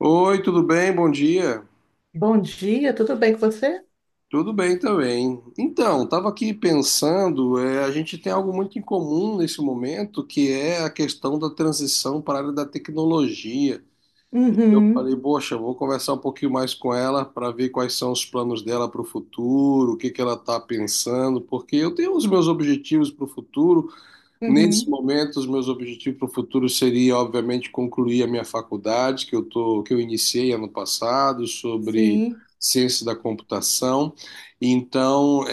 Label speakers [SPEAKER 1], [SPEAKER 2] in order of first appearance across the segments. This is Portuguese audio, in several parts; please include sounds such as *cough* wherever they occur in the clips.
[SPEAKER 1] Oi, tudo bem? Bom dia.
[SPEAKER 2] Bom dia, tudo bem com você?
[SPEAKER 1] Tudo bem também. Então, estava aqui pensando, a gente tem algo muito em comum nesse momento, que é a questão da transição para a área da tecnologia. Eu
[SPEAKER 2] Uhum,
[SPEAKER 1] falei, poxa, vou conversar um pouquinho mais com ela para ver quais são os planos dela para o futuro, o que que ela está pensando, porque eu tenho os meus objetivos para o futuro. Nesse
[SPEAKER 2] uhum,
[SPEAKER 1] momento, os meus objetivos para o futuro seria, obviamente, concluir a minha faculdade, que eu iniciei ano passado, sobre
[SPEAKER 2] sim.
[SPEAKER 1] ciência da computação. Então,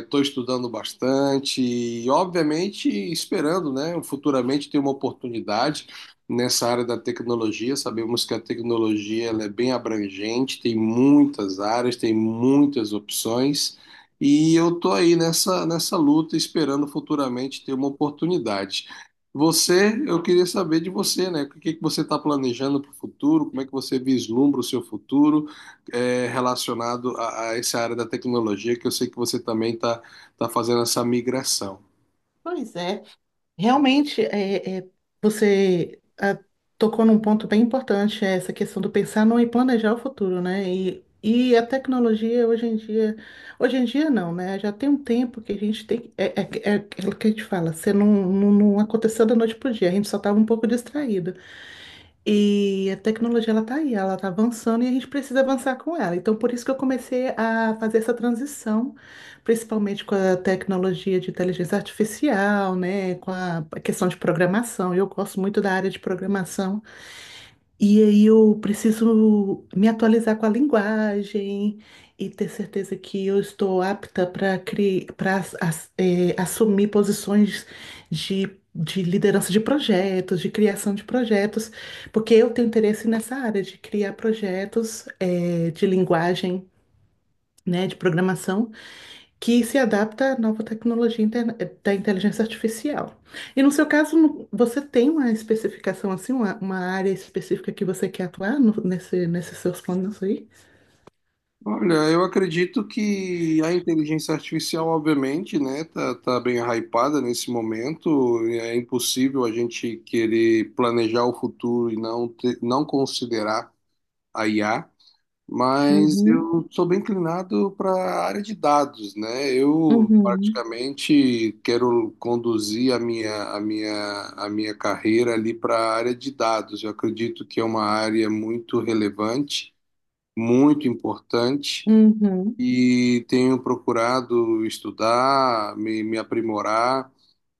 [SPEAKER 1] estou estudando bastante e, obviamente, esperando, né, futuramente ter uma oportunidade nessa área da tecnologia. Sabemos que a tecnologia ela é bem abrangente, tem muitas áreas, tem muitas opções. E eu tô aí nessa luta, esperando futuramente ter uma oportunidade. Você, eu queria saber de você, né? O que que você está planejando para o futuro? Como é que você vislumbra o seu futuro relacionado a essa área da tecnologia, que eu sei que você também está tá fazendo essa migração.
[SPEAKER 2] Pois é. Realmente, você tocou num ponto bem importante, é essa questão do pensar no e planejar o futuro, né? E a tecnologia hoje em dia não, né? Já tem um tempo que a gente tem, é aquilo que a gente fala, você não aconteceu da noite para o dia, a gente só estava um pouco distraído. E a tecnologia ela tá aí, ela tá avançando e a gente precisa avançar com ela. Então, por isso que eu comecei a fazer essa transição, principalmente com a tecnologia de inteligência artificial, né, com a questão de programação. Eu gosto muito da área de programação. E aí eu preciso me atualizar com a linguagem e ter certeza que eu estou apta para assumir posições de liderança de projetos, de criação de projetos, porque eu tenho interesse nessa área de criar projetos de linguagem, né, de programação que se adapta à nova tecnologia da inteligência artificial. E no seu caso, você tem uma especificação assim, uma área específica que você quer atuar nesse, nesses seus planos aí?
[SPEAKER 1] Olha, eu acredito que a inteligência artificial, obviamente, né, tá bem hypada nesse momento. É impossível a gente querer planejar o futuro e não considerar a IA, mas
[SPEAKER 2] Uhum,
[SPEAKER 1] eu sou bem inclinado para a área de dados, né? Eu
[SPEAKER 2] uhum,
[SPEAKER 1] praticamente quero conduzir a minha carreira ali para a área de dados. Eu acredito que é uma área muito relevante, muito importante,
[SPEAKER 2] uhum.
[SPEAKER 1] e tenho procurado estudar, me aprimorar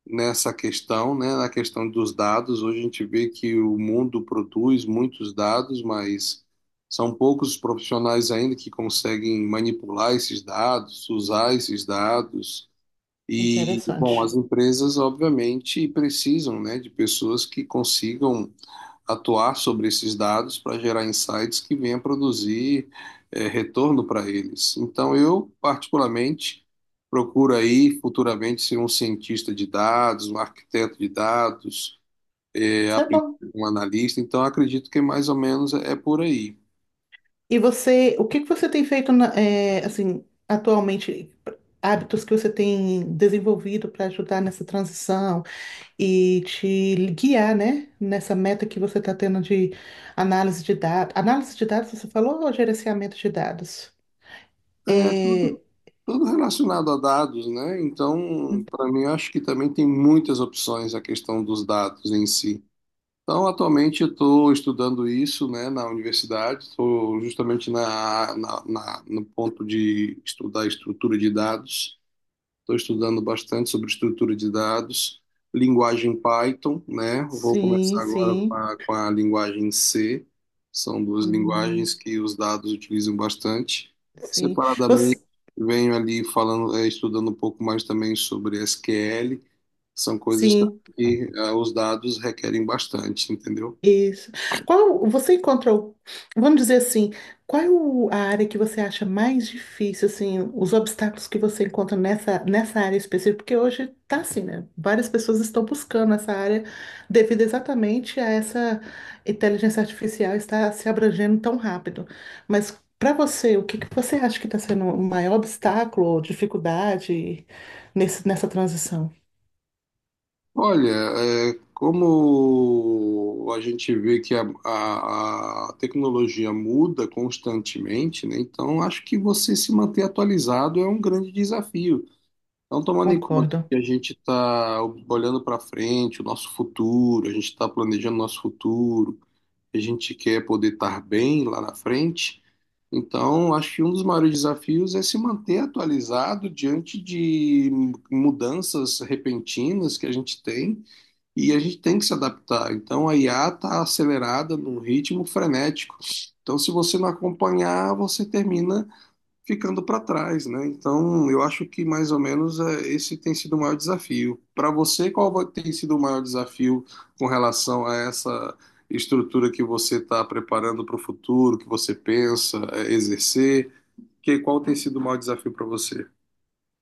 [SPEAKER 1] nessa questão, né, na questão dos dados. Hoje a gente vê que o mundo produz muitos dados, mas são poucos os profissionais ainda que conseguem manipular esses dados, usar esses dados. E, bom, as
[SPEAKER 2] Interessante.
[SPEAKER 1] empresas, obviamente, precisam, né, de pessoas que consigam atuar sobre esses dados para gerar insights que venham produzir retorno para eles. Então, eu, particularmente, procuro aí futuramente ser um cientista de dados, um arquiteto de dados,
[SPEAKER 2] Isso
[SPEAKER 1] a
[SPEAKER 2] é
[SPEAKER 1] princípio,
[SPEAKER 2] bom.
[SPEAKER 1] um analista. Então, acredito que mais ou menos é por aí.
[SPEAKER 2] E você, o que que você tem feito assim, atualmente? Hábitos que você tem desenvolvido para ajudar nessa transição? E te guiar, né, nessa meta que você está tendo de análise de dados. Análise de dados, você falou, ou gerenciamento de dados?
[SPEAKER 1] É
[SPEAKER 2] É,
[SPEAKER 1] tudo relacionado a dados, né? Então, para mim, eu acho que também tem muitas opções a questão dos dados em si. Então, atualmente eu estou estudando isso, né, na universidade, estou justamente no ponto de estudar estrutura de dados. Estou estudando bastante sobre estrutura de dados, linguagem Python, né? Vou
[SPEAKER 2] sim,
[SPEAKER 1] começar agora com
[SPEAKER 2] sim.
[SPEAKER 1] a linguagem C. São duas
[SPEAKER 2] Hum,
[SPEAKER 1] linguagens que os dados utilizam bastante.
[SPEAKER 2] sim.
[SPEAKER 1] Separadamente,
[SPEAKER 2] Você,
[SPEAKER 1] venho ali falando, estudando um pouco mais também sobre SQL. São coisas também
[SPEAKER 2] sim.
[SPEAKER 1] que os dados requerem bastante, entendeu?
[SPEAKER 2] Isso. Qual você encontrou, vamos dizer assim, qual é a área que você acha mais difícil, assim, os obstáculos que você encontra nessa área específica? Porque hoje tá assim, né? Várias pessoas estão buscando essa área devido exatamente a essa inteligência artificial estar se abrangendo tão rápido. Mas para você, o que que você acha que está sendo o maior obstáculo ou dificuldade nessa transição?
[SPEAKER 1] Olha, é, como a gente vê que a tecnologia muda constantemente, né? Então acho que você se manter atualizado é um grande desafio. Então, tomando em conta
[SPEAKER 2] Concordo.
[SPEAKER 1] que a gente está olhando para frente, o nosso futuro, a gente está planejando nosso futuro, a gente quer poder estar bem lá na frente. Então, acho que um dos maiores desafios é se manter atualizado diante de mudanças repentinas que a gente tem e a gente tem que se adaptar. Então a IA está acelerada num ritmo frenético. Então, se você não acompanhar, você termina ficando para trás, né? Então, eu acho que mais ou menos esse tem sido o maior desafio. Para você, tem sido o maior desafio com relação a essa estrutura que você está preparando para o futuro, que você pensa exercer? Qual tem sido o maior desafio para você?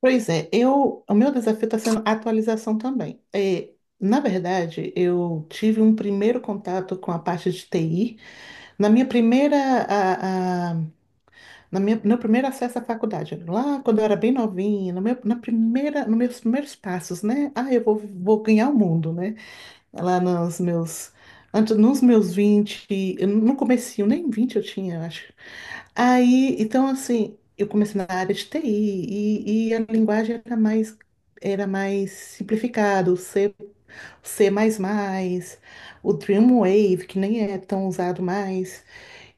[SPEAKER 2] O meu desafio está sendo atualização também. Na verdade, eu tive um primeiro contato com a parte de TI na minha primeira, a- na minha, meu primeiro acesso à faculdade, lá quando eu era bem novinha, no meu, na primeira, nos meus primeiros passos, né? Ah, eu vou ganhar o mundo, né? Lá nos meus, antes, nos meus 20 eu não comecei, nem 20 eu tinha, acho. Aí, então, assim, eu comecei na área de TI e a linguagem era mais simplificada, o C, C++, o Dreamwave, que nem é tão usado mais.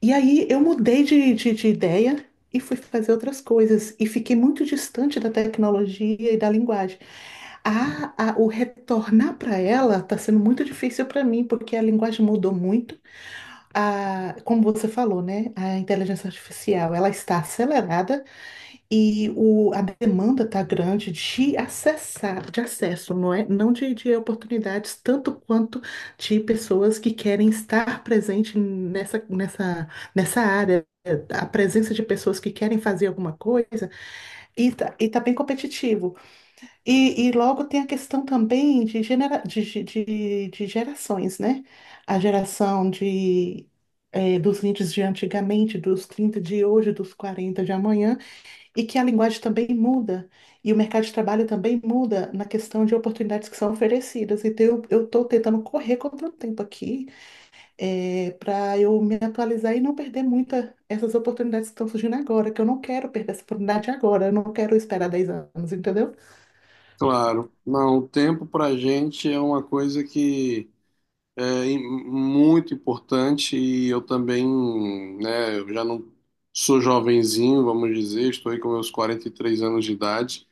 [SPEAKER 2] E aí eu mudei de ideia e fui fazer outras coisas e fiquei muito distante da tecnologia e da linguagem. O retornar para ela está sendo muito difícil para mim, porque a linguagem mudou muito, como você falou, né, a inteligência artificial, ela está acelerada e a demanda está grande de acessar, de acesso, não é? Não de oportunidades, tanto quanto de pessoas que querem estar presente nessa área. A presença de pessoas que querem fazer alguma coisa e está bem competitivo. E logo tem a questão também de, de gerações, né? A geração de, dos 20 de antigamente, dos 30 de hoje, dos 40 de amanhã, e que a linguagem também muda, e o mercado de trabalho também muda na questão de oportunidades que são oferecidas. Então, eu estou tentando correr contra o tempo aqui, para eu me atualizar e não perder muita essas oportunidades que estão surgindo agora, que eu não quero perder essa oportunidade agora, eu não quero esperar 10 anos, entendeu?
[SPEAKER 1] Claro, não, o tempo para a gente é uma coisa que é muito importante e eu também, né, eu já não sou jovenzinho, vamos dizer, estou aí com meus 43 anos de idade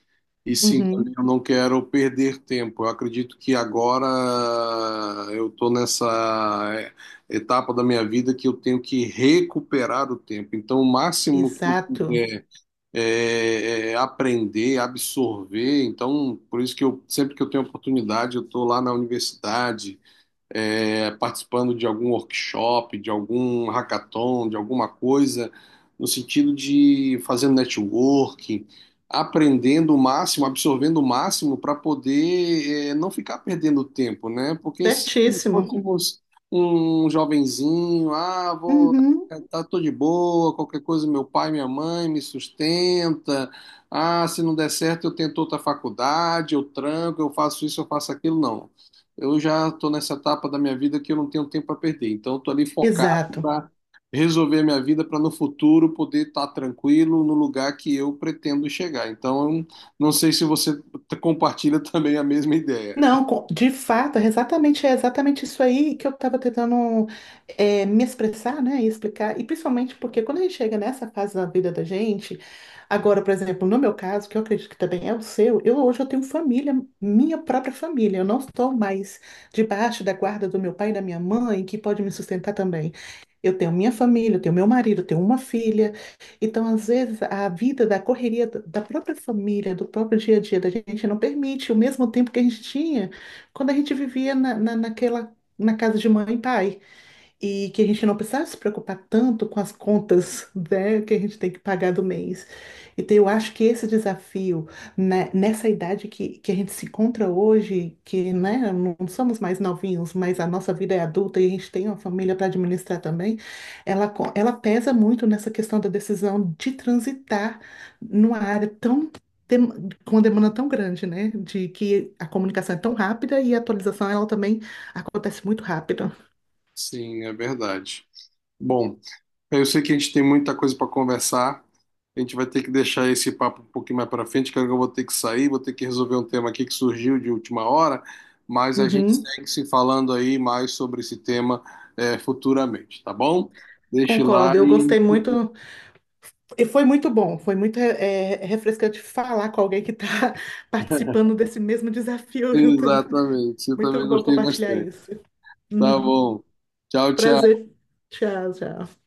[SPEAKER 1] e sim, também eu não quero perder tempo. Eu acredito que agora eu estou nessa etapa da minha vida que eu tenho que recuperar o tempo. Então, o máximo que eu
[SPEAKER 2] Exato,
[SPEAKER 1] puder é, é aprender, absorver. Então, por isso que eu sempre que eu tenho oportunidade, eu estou lá na universidade participando de algum workshop, de algum hackathon, de alguma coisa, no sentido de fazendo networking, aprendendo o máximo, absorvendo o máximo para poder não ficar perdendo tempo, né? Porque se
[SPEAKER 2] certíssimo.
[SPEAKER 1] fôssemos um jovenzinho, ah, vou
[SPEAKER 2] Uhum,
[SPEAKER 1] tá, tô de boa, qualquer coisa, meu pai, minha mãe me sustenta. Ah, se não der certo, eu tento outra faculdade, eu tranco, eu faço isso, eu faço aquilo. Não, eu já estou nessa etapa da minha vida que eu não tenho tempo para perder. Então, estou ali focado
[SPEAKER 2] exato.
[SPEAKER 1] para resolver a minha vida para no futuro poder estar tranquilo no lugar que eu pretendo chegar. Então, eu não não sei se você compartilha *laughs* também a mesma ideia.
[SPEAKER 2] Não, de fato, é exatamente isso aí que eu estava tentando me expressar, né, e explicar, e principalmente porque quando a gente chega nessa fase da vida da gente, agora, por exemplo, no meu caso, que eu acredito que também é o seu, eu hoje eu tenho família, minha própria família, eu não estou mais debaixo da guarda do meu pai e da minha mãe, que pode me sustentar também. Eu tenho minha família, eu tenho meu marido, eu tenho uma filha. Então, às vezes, a vida da correria da própria família, do próprio dia a dia da gente não permite o mesmo tempo que a gente tinha quando a gente vivia na casa de mãe e pai e que a gente não precisava se preocupar tanto com as contas, *laughs* né, que a gente tem que pagar do mês. Então, eu acho que esse desafio, né, nessa idade que a gente se encontra hoje, que, né, não somos mais novinhos, mas a nossa vida é adulta e a gente tem uma família para administrar também, ela pesa muito nessa questão da decisão de transitar numa área dem- com uma demanda tão grande, né? De que a comunicação é tão rápida e a atualização ela também acontece muito rápido.
[SPEAKER 1] Sim, é verdade. Bom, eu sei que a gente tem muita coisa para conversar. A gente vai ter que deixar esse papo um pouquinho mais para frente, que agora eu vou ter que sair, vou ter que resolver um tema aqui que surgiu de última hora, mas a gente
[SPEAKER 2] Uhum.
[SPEAKER 1] segue se falando aí mais sobre esse tema futuramente, tá bom? Deixe lá
[SPEAKER 2] Concordo, eu
[SPEAKER 1] e.
[SPEAKER 2] gostei muito, e foi muito bom, foi muito refrescante falar com alguém que está *laughs* participando desse mesmo desafio junto.
[SPEAKER 1] Exatamente, eu
[SPEAKER 2] Muito
[SPEAKER 1] também
[SPEAKER 2] bom
[SPEAKER 1] gostei
[SPEAKER 2] compartilhar
[SPEAKER 1] bastante.
[SPEAKER 2] isso.
[SPEAKER 1] Tá
[SPEAKER 2] Uhum.
[SPEAKER 1] bom. Tchau, tchau.
[SPEAKER 2] Prazer, tchau, tchau.